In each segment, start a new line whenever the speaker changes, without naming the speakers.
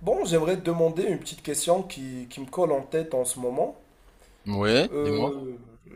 Bon, j'aimerais te demander une petite question qui me colle en tête en ce moment.
Oui, dis-moi.
Euh, euh,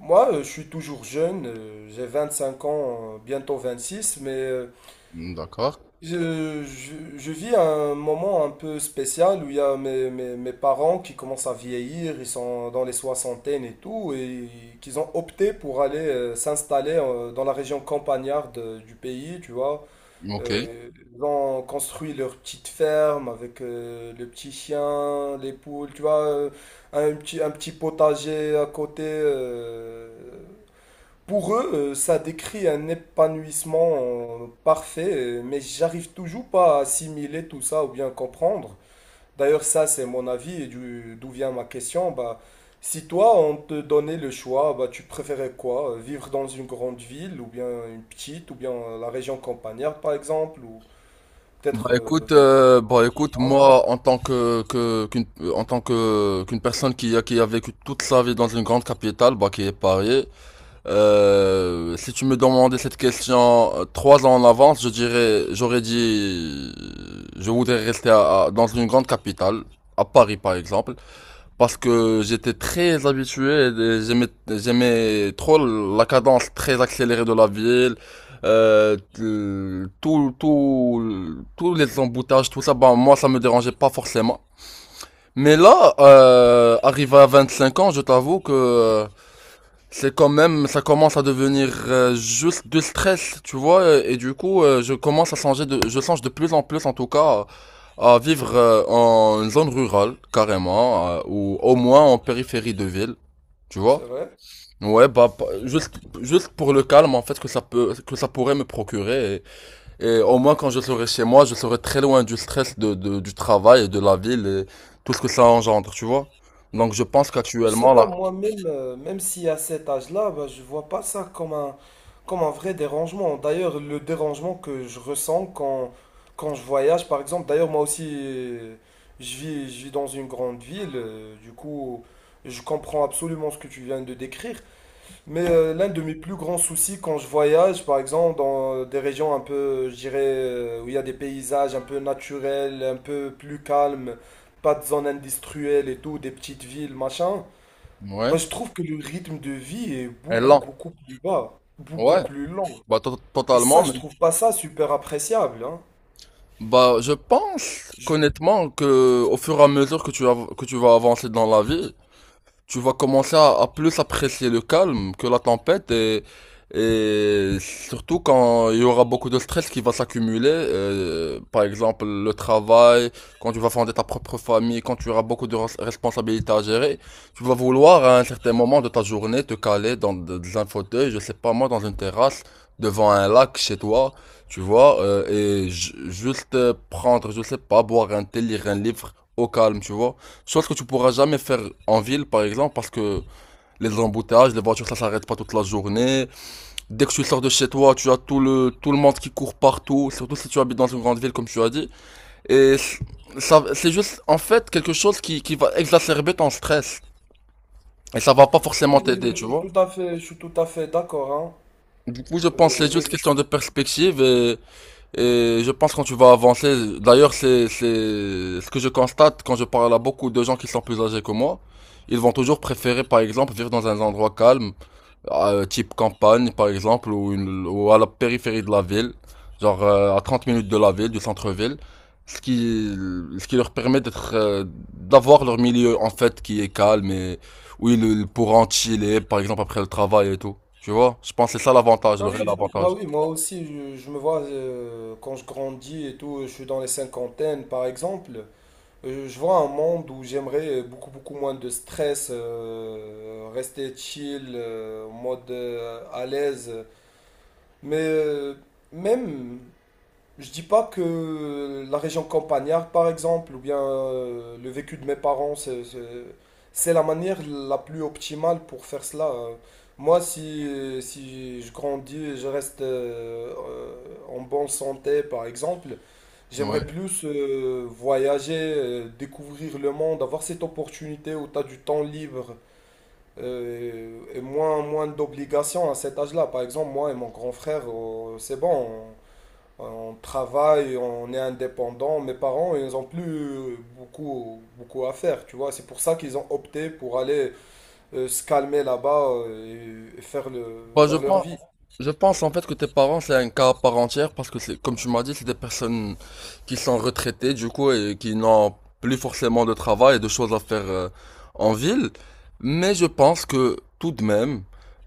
moi, je suis toujours jeune, j'ai cinq ans, bientôt six, mais euh,
Mm. D'accord.
je, je- je vis un moment un peu spécial où il y a mes parents qui commencent à vieillir, ils sont dans les soixantaines et tout, et qu'ils ont opté pour aller s'installer dans la région campagnarde du pays, tu vois.
Ok.
Euh, Ils ont construit leur petite ferme avec le petit chien, les poules, tu vois, un petit potager à côté. Pour eux, ça décrit un épanouissement parfait, mais j'arrive toujours pas à assimiler tout ça ou bien comprendre. D'ailleurs, ça, c'est mon avis et d'où vient ma question. Bah, si toi, on te donnait le choix, bah, tu préférais quoi? Vivre dans une grande ville ou bien une petite ou bien la région campagnarde, par exemple?
Bah
Peut-être,
écoute, euh, bah écoute,
ah,
moi en tant que qu'une en tant que qu'une personne qui a vécu toute sa vie dans une grande capitale, bah qui est Paris, si tu me demandais cette question 3 ans en avance, j'aurais dit, je voudrais rester dans une grande capitale, à Paris par exemple. Parce que j'étais très habitué, et j'aimais trop la cadence très accélérée de la ville, euh, tous les emboutages, tout ça, bah, moi, ça me dérangeait pas forcément. Mais là, arrivé à 25 ans, je t'avoue que ça commence à devenir juste du stress, tu vois, et du coup, je commence à je change de plus en plus, en tout cas, à vivre en zone rurale, carrément, ou au moins en périphérie de ville, tu
c'est
vois.
vrai.
Ouais, bah, juste pour le calme, en fait, que ça pourrait me procurer, et au moins quand je serai chez moi, je serai très loin du stress du travail et de la ville et tout ce que ça engendre, tu vois. Donc je pense
Je sais
qu'actuellement,
pas,
là,
moi-même, même si à cet âge-là, bah, je vois pas ça comme un vrai dérangement. D'ailleurs, le dérangement que je ressens quand je voyage, par exemple, d'ailleurs, moi aussi, je vis dans une grande ville, du coup, je comprends absolument ce que tu viens de décrire. Mais l'un de mes plus grands soucis quand je voyage, par exemple, dans des régions un peu, je dirais, où il y a des paysages un peu naturels, un peu plus calmes, pas de zones industrielles et tout, des petites villes, machin,
ouais,
bah, je trouve que le rythme de vie est
elle
beaucoup,
lent,
beaucoup plus bas, beaucoup
ouais.
plus lent.
Bah,
Et
totalement,
ça,
mais
je trouve pas ça super appréciable, hein.
bah, je pense
Je,
qu'honnêtement que au fur et à mesure que tu vas avancer dans la vie, tu vas commencer à plus apprécier le calme que la tempête et surtout quand il y aura beaucoup de stress qui va s'accumuler, par exemple le travail, quand tu vas fonder ta propre famille, quand tu auras beaucoup de responsabilités à gérer, tu vas vouloir à un certain moment de ta journée te caler dans un fauteuil, je sais pas moi, dans une terrasse, devant un lac chez toi, tu vois, et juste prendre, je sais pas, boire un thé, lire un livre au calme, tu vois. Chose que tu pourras jamais faire en ville, par exemple, parce que les embouteillages, les voitures, ça s'arrête pas toute la journée. Dès que tu sors de chez toi, tu as tout le monde qui court partout, surtout si tu habites dans une grande ville, comme tu as dit. Et ça, c'est juste, en fait, quelque chose qui va exacerber ton stress. Et ça va pas
mais
forcément
je
t'aider, tu
suis
vois.
tout à fait, je suis tout à fait d'accord, hein.
Du coup, je pense que c'est
Le
juste question de perspective. Et je pense que quand tu vas avancer, d'ailleurs c'est ce que je constate quand je parle à beaucoup de gens qui sont plus âgés que moi, ils vont toujours préférer par exemple vivre dans un endroit calme, type campagne par exemple ou, ou à la périphérie de la ville, genre à 30 minutes de la ville, du centre-ville, ce qui ce qui leur permet d'être d'avoir leur milieu en fait qui est calme et où ils pourront chiller par exemple après le travail et tout. Tu vois? Je pense que c'est ça l'avantage, le
Bah oui,
réel
bah
avantage.
oui, moi aussi, je me vois quand je grandis et tout, je suis dans les cinquantaines par exemple, je vois un monde où j'aimerais beaucoup beaucoup moins de stress, rester chill, en mode à l'aise, mais même je dis pas que la région campagnarde, par exemple, ou bien le vécu de mes parents, c'est la manière la plus optimale pour faire cela. Moi, si, Si je grandis et je reste en bonne santé, par exemple,
Ouais.
j'aimerais plus voyager, découvrir le monde, avoir cette opportunité où tu as du temps libre et moins d'obligations à cet âge-là. Par exemple, moi et mon grand frère, c'est bon. On travaille, on est indépendant. Mes parents, ils n'ont plus beaucoup à faire, tu vois. C'est pour ça qu'ils ont opté pour aller se calmer là-bas et faire
Bah, je
faire leur
pense,
vie.
je pense en fait que tes parents c'est un cas à part entière parce que c'est, comme tu m'as dit, c'est des personnes qui sont retraitées du coup et qui n'ont plus forcément de travail et de choses à faire en ville. Mais je pense que tout de même,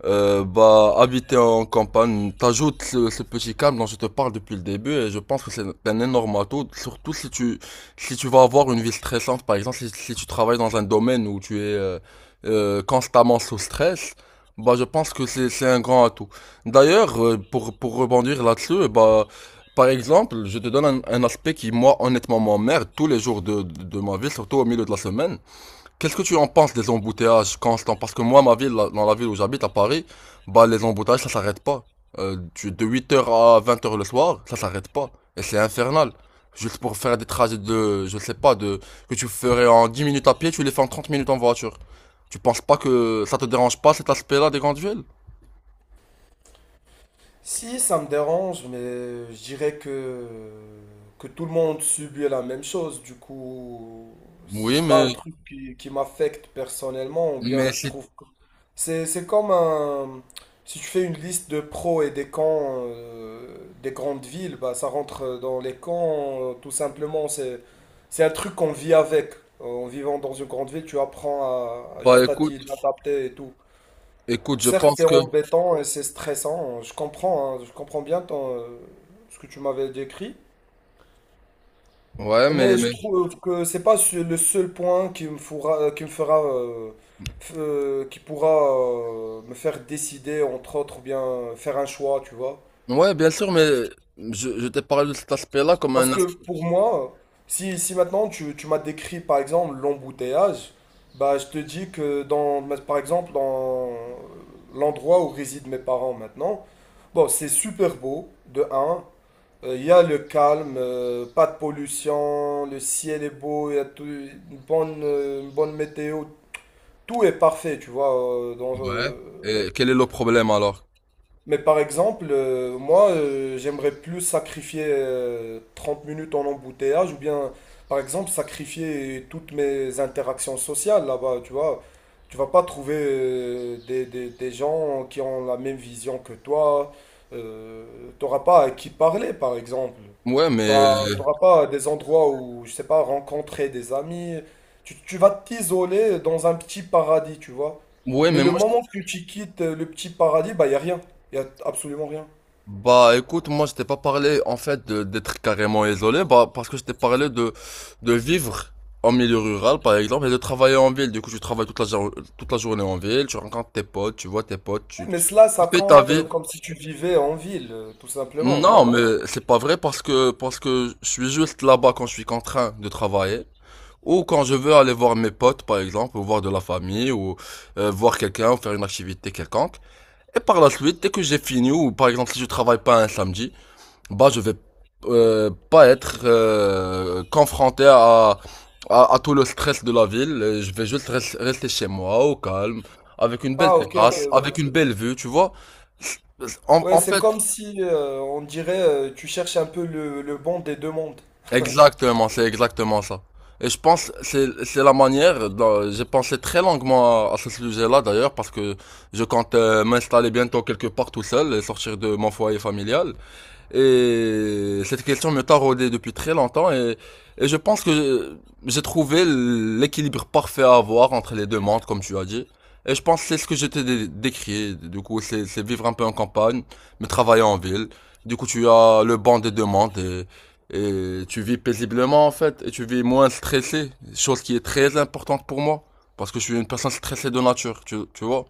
bah, habiter en campagne t'ajoute ce petit calme dont je te parle depuis le début et je pense que c'est un énorme atout, surtout si tu, si tu vas avoir une vie stressante, par exemple, si tu travailles dans un domaine où tu es constamment sous stress. Bah, je pense que c'est un grand atout. D'ailleurs, pour rebondir là-dessus, bah, par exemple, je te donne un aspect qui, moi, honnêtement, m'emmerde tous les jours de ma vie, surtout au milieu de la semaine. Qu'est-ce que tu en penses des embouteillages constants? Parce que moi, dans la ville où j'habite, à Paris, bah, les embouteillages, ça s'arrête pas. De 8 heures à 20 heures le soir, ça s'arrête pas. Et c'est infernal. Juste pour faire des trajets de, je sais pas, de, que tu ferais en 10 minutes à pied, tu les fais en 30 minutes en voiture. Tu penses pas que ça te dérange pas cet aspect-là des grandes villes?
Si, ça me dérange, mais je dirais que tout le monde subit la même chose. Du coup,
Oui,
c'est pas un truc qui m'affecte personnellement, ou bien
mais
je
c'est,
trouve que c'est, c'est comme un, si tu fais une liste de pros et des cons des grandes villes, bah, ça rentre dans les cons, tout simplement. C'est un truc qu'on vit avec. En vivant dans une grande ville, tu apprends à
bah,
juste à t'y
écoute,
adapter et tout.
écoute, je
Certes,
pense
c'est
que,
embêtant et c'est stressant, hein. Je comprends, hein, je comprends bien ton, ce que tu m'avais décrit,
ouais,
mais je
mais,
trouve que c'est pas le seul point qui me fera, qui me fera, qui pourra me faire décider, entre autres, ou bien faire un choix, tu vois.
ouais, bien sûr, mais je t'ai parlé de cet aspect-là comme
Parce
un.
que pour moi, si maintenant tu m'as décrit, par exemple, l'embouteillage, bah, je te dis que dans, par exemple, dans l'endroit où résident mes parents maintenant, bon, c'est super beau, de un. Il y a le calme, pas de pollution, le ciel est beau, il y a une bonne météo, tout est parfait, tu vois,
Ouais. Et quel est le problème alors?
mais par exemple, j'aimerais plus sacrifier 30 minutes en embouteillage ou bien, par exemple, sacrifier toutes mes interactions sociales là-bas, tu vois. Tu vas pas trouver des gens qui ont la même vision que toi. Euh, T'auras pas à qui parler, par exemple.
Ouais, mais
T'auras pas des endroits où, je sais pas, rencontrer des amis. Tu vas t'isoler dans un petit paradis, tu vois.
ouais,
Mais
mais
le
moi je-
moment que tu quittes le petit paradis, bah, y a rien. Il n'y a absolument rien.
bah écoute, moi je t'ai pas parlé en fait d'être carrément isolé, bah parce que je t'ai parlé de vivre en milieu rural par exemple et de travailler en ville. Du coup, tu travailles toute la journée en ville, tu rencontres tes potes, tu vois tes potes,
Eh, mais cela,
tu
ça
fais ta
compte
vie.
comme si tu vivais en ville, tout simplement,
Non,
non?
mais c'est pas vrai parce que je suis juste là-bas quand je suis contraint de travailler ou quand je veux aller voir mes potes par exemple ou voir de la famille ou voir quelqu'un ou faire une activité quelconque. Et par la suite, dès que j'ai fini, ou par exemple si je travaille pas un samedi, bah je vais pas être confronté à tout le stress de la ville. Je vais juste rester chez moi, au calme, avec une belle
Ah, ok, ok.
terrasse, avec
euh,
une belle vue, tu vois. En,
Ouais,
en
c'est
fait,
comme si, on dirait, tu cherches un peu le bon des deux mondes.
exactement, c'est exactement ça. Et je pense que c'est la manière J'ai pensé très longuement à ce sujet-là d'ailleurs parce que je compte m'installer bientôt quelque part tout seul et sortir de mon foyer familial. Et cette question me taraudait depuis très longtemps et je pense que j'ai trouvé l'équilibre parfait à avoir entre les deux mondes, comme tu as dit. Et je pense que c'est ce que j'étais décrit. Du coup, c'est vivre un peu en campagne, mais travailler en ville. Du coup, tu as le banc des deux mondes et tu vis paisiblement en fait. Et tu vis moins stressé, chose qui est très importante pour moi. Parce que je suis une personne stressée de nature, tu vois.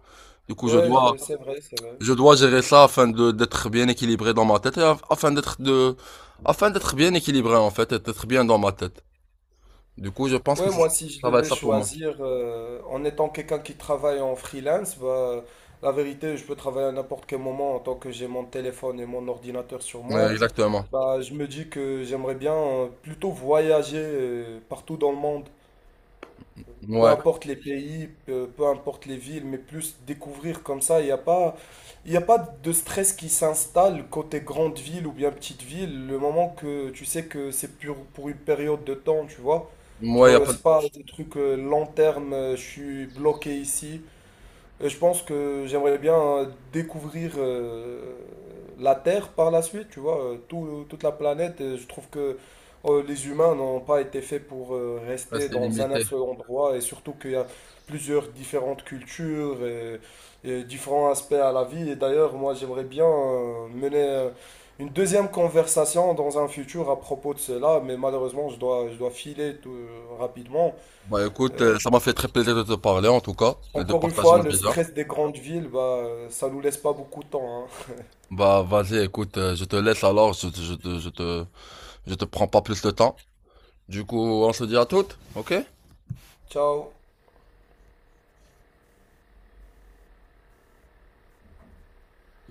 Du coup,
C'est vrai, c'est vrai.
je dois gérer ça afin de d'être bien équilibré dans ma tête et afin d'être bien équilibré en fait et d'être bien dans ma tête. Du coup, je pense que
Ouais, moi, si je
ça va être
devais
ça pour moi.
choisir, en étant quelqu'un qui travaille en freelance, bah, la vérité, je peux travailler à n'importe quel moment en tant que j'ai mon téléphone et mon ordinateur sur
Ouais,
moi.
exactement.
Bah, je me dis que j'aimerais bien plutôt voyager partout dans le monde peu
Ouais.
importe les pays, peu importe les villes, mais plus découvrir comme ça. Il y a pas de stress qui s'installe côté grande ville ou bien petite ville. Le moment que tu sais que c'est pour une période de temps, tu vois. Tu
Moi, il a
vois,
pas de
c'est pas des trucs long terme, je suis bloqué ici. Et je pense que j'aimerais bien découvrir la Terre par la suite, tu vois, toute la planète. Et je trouve que les humains n'ont pas été faits pour
ouais,
rester
c'est
dans un
limité.
seul endroit et surtout qu'il y a plusieurs différentes cultures et différents aspects à la vie. Et d'ailleurs, moi, j'aimerais bien mener une deuxième conversation dans un futur à propos de cela, mais malheureusement, je dois filer tout, rapidement.
Bah écoute,
Euh,
ça m'a fait très plaisir de te parler en tout cas et de
Encore une
partager
fois,
nos
le
visions.
stress des grandes villes, bah, ça nous laisse pas beaucoup de temps, hein.
Bah vas-y, écoute, je te laisse alors, je te prends pas plus de temps. Du coup, on se dit à toutes, ok?
Ciao.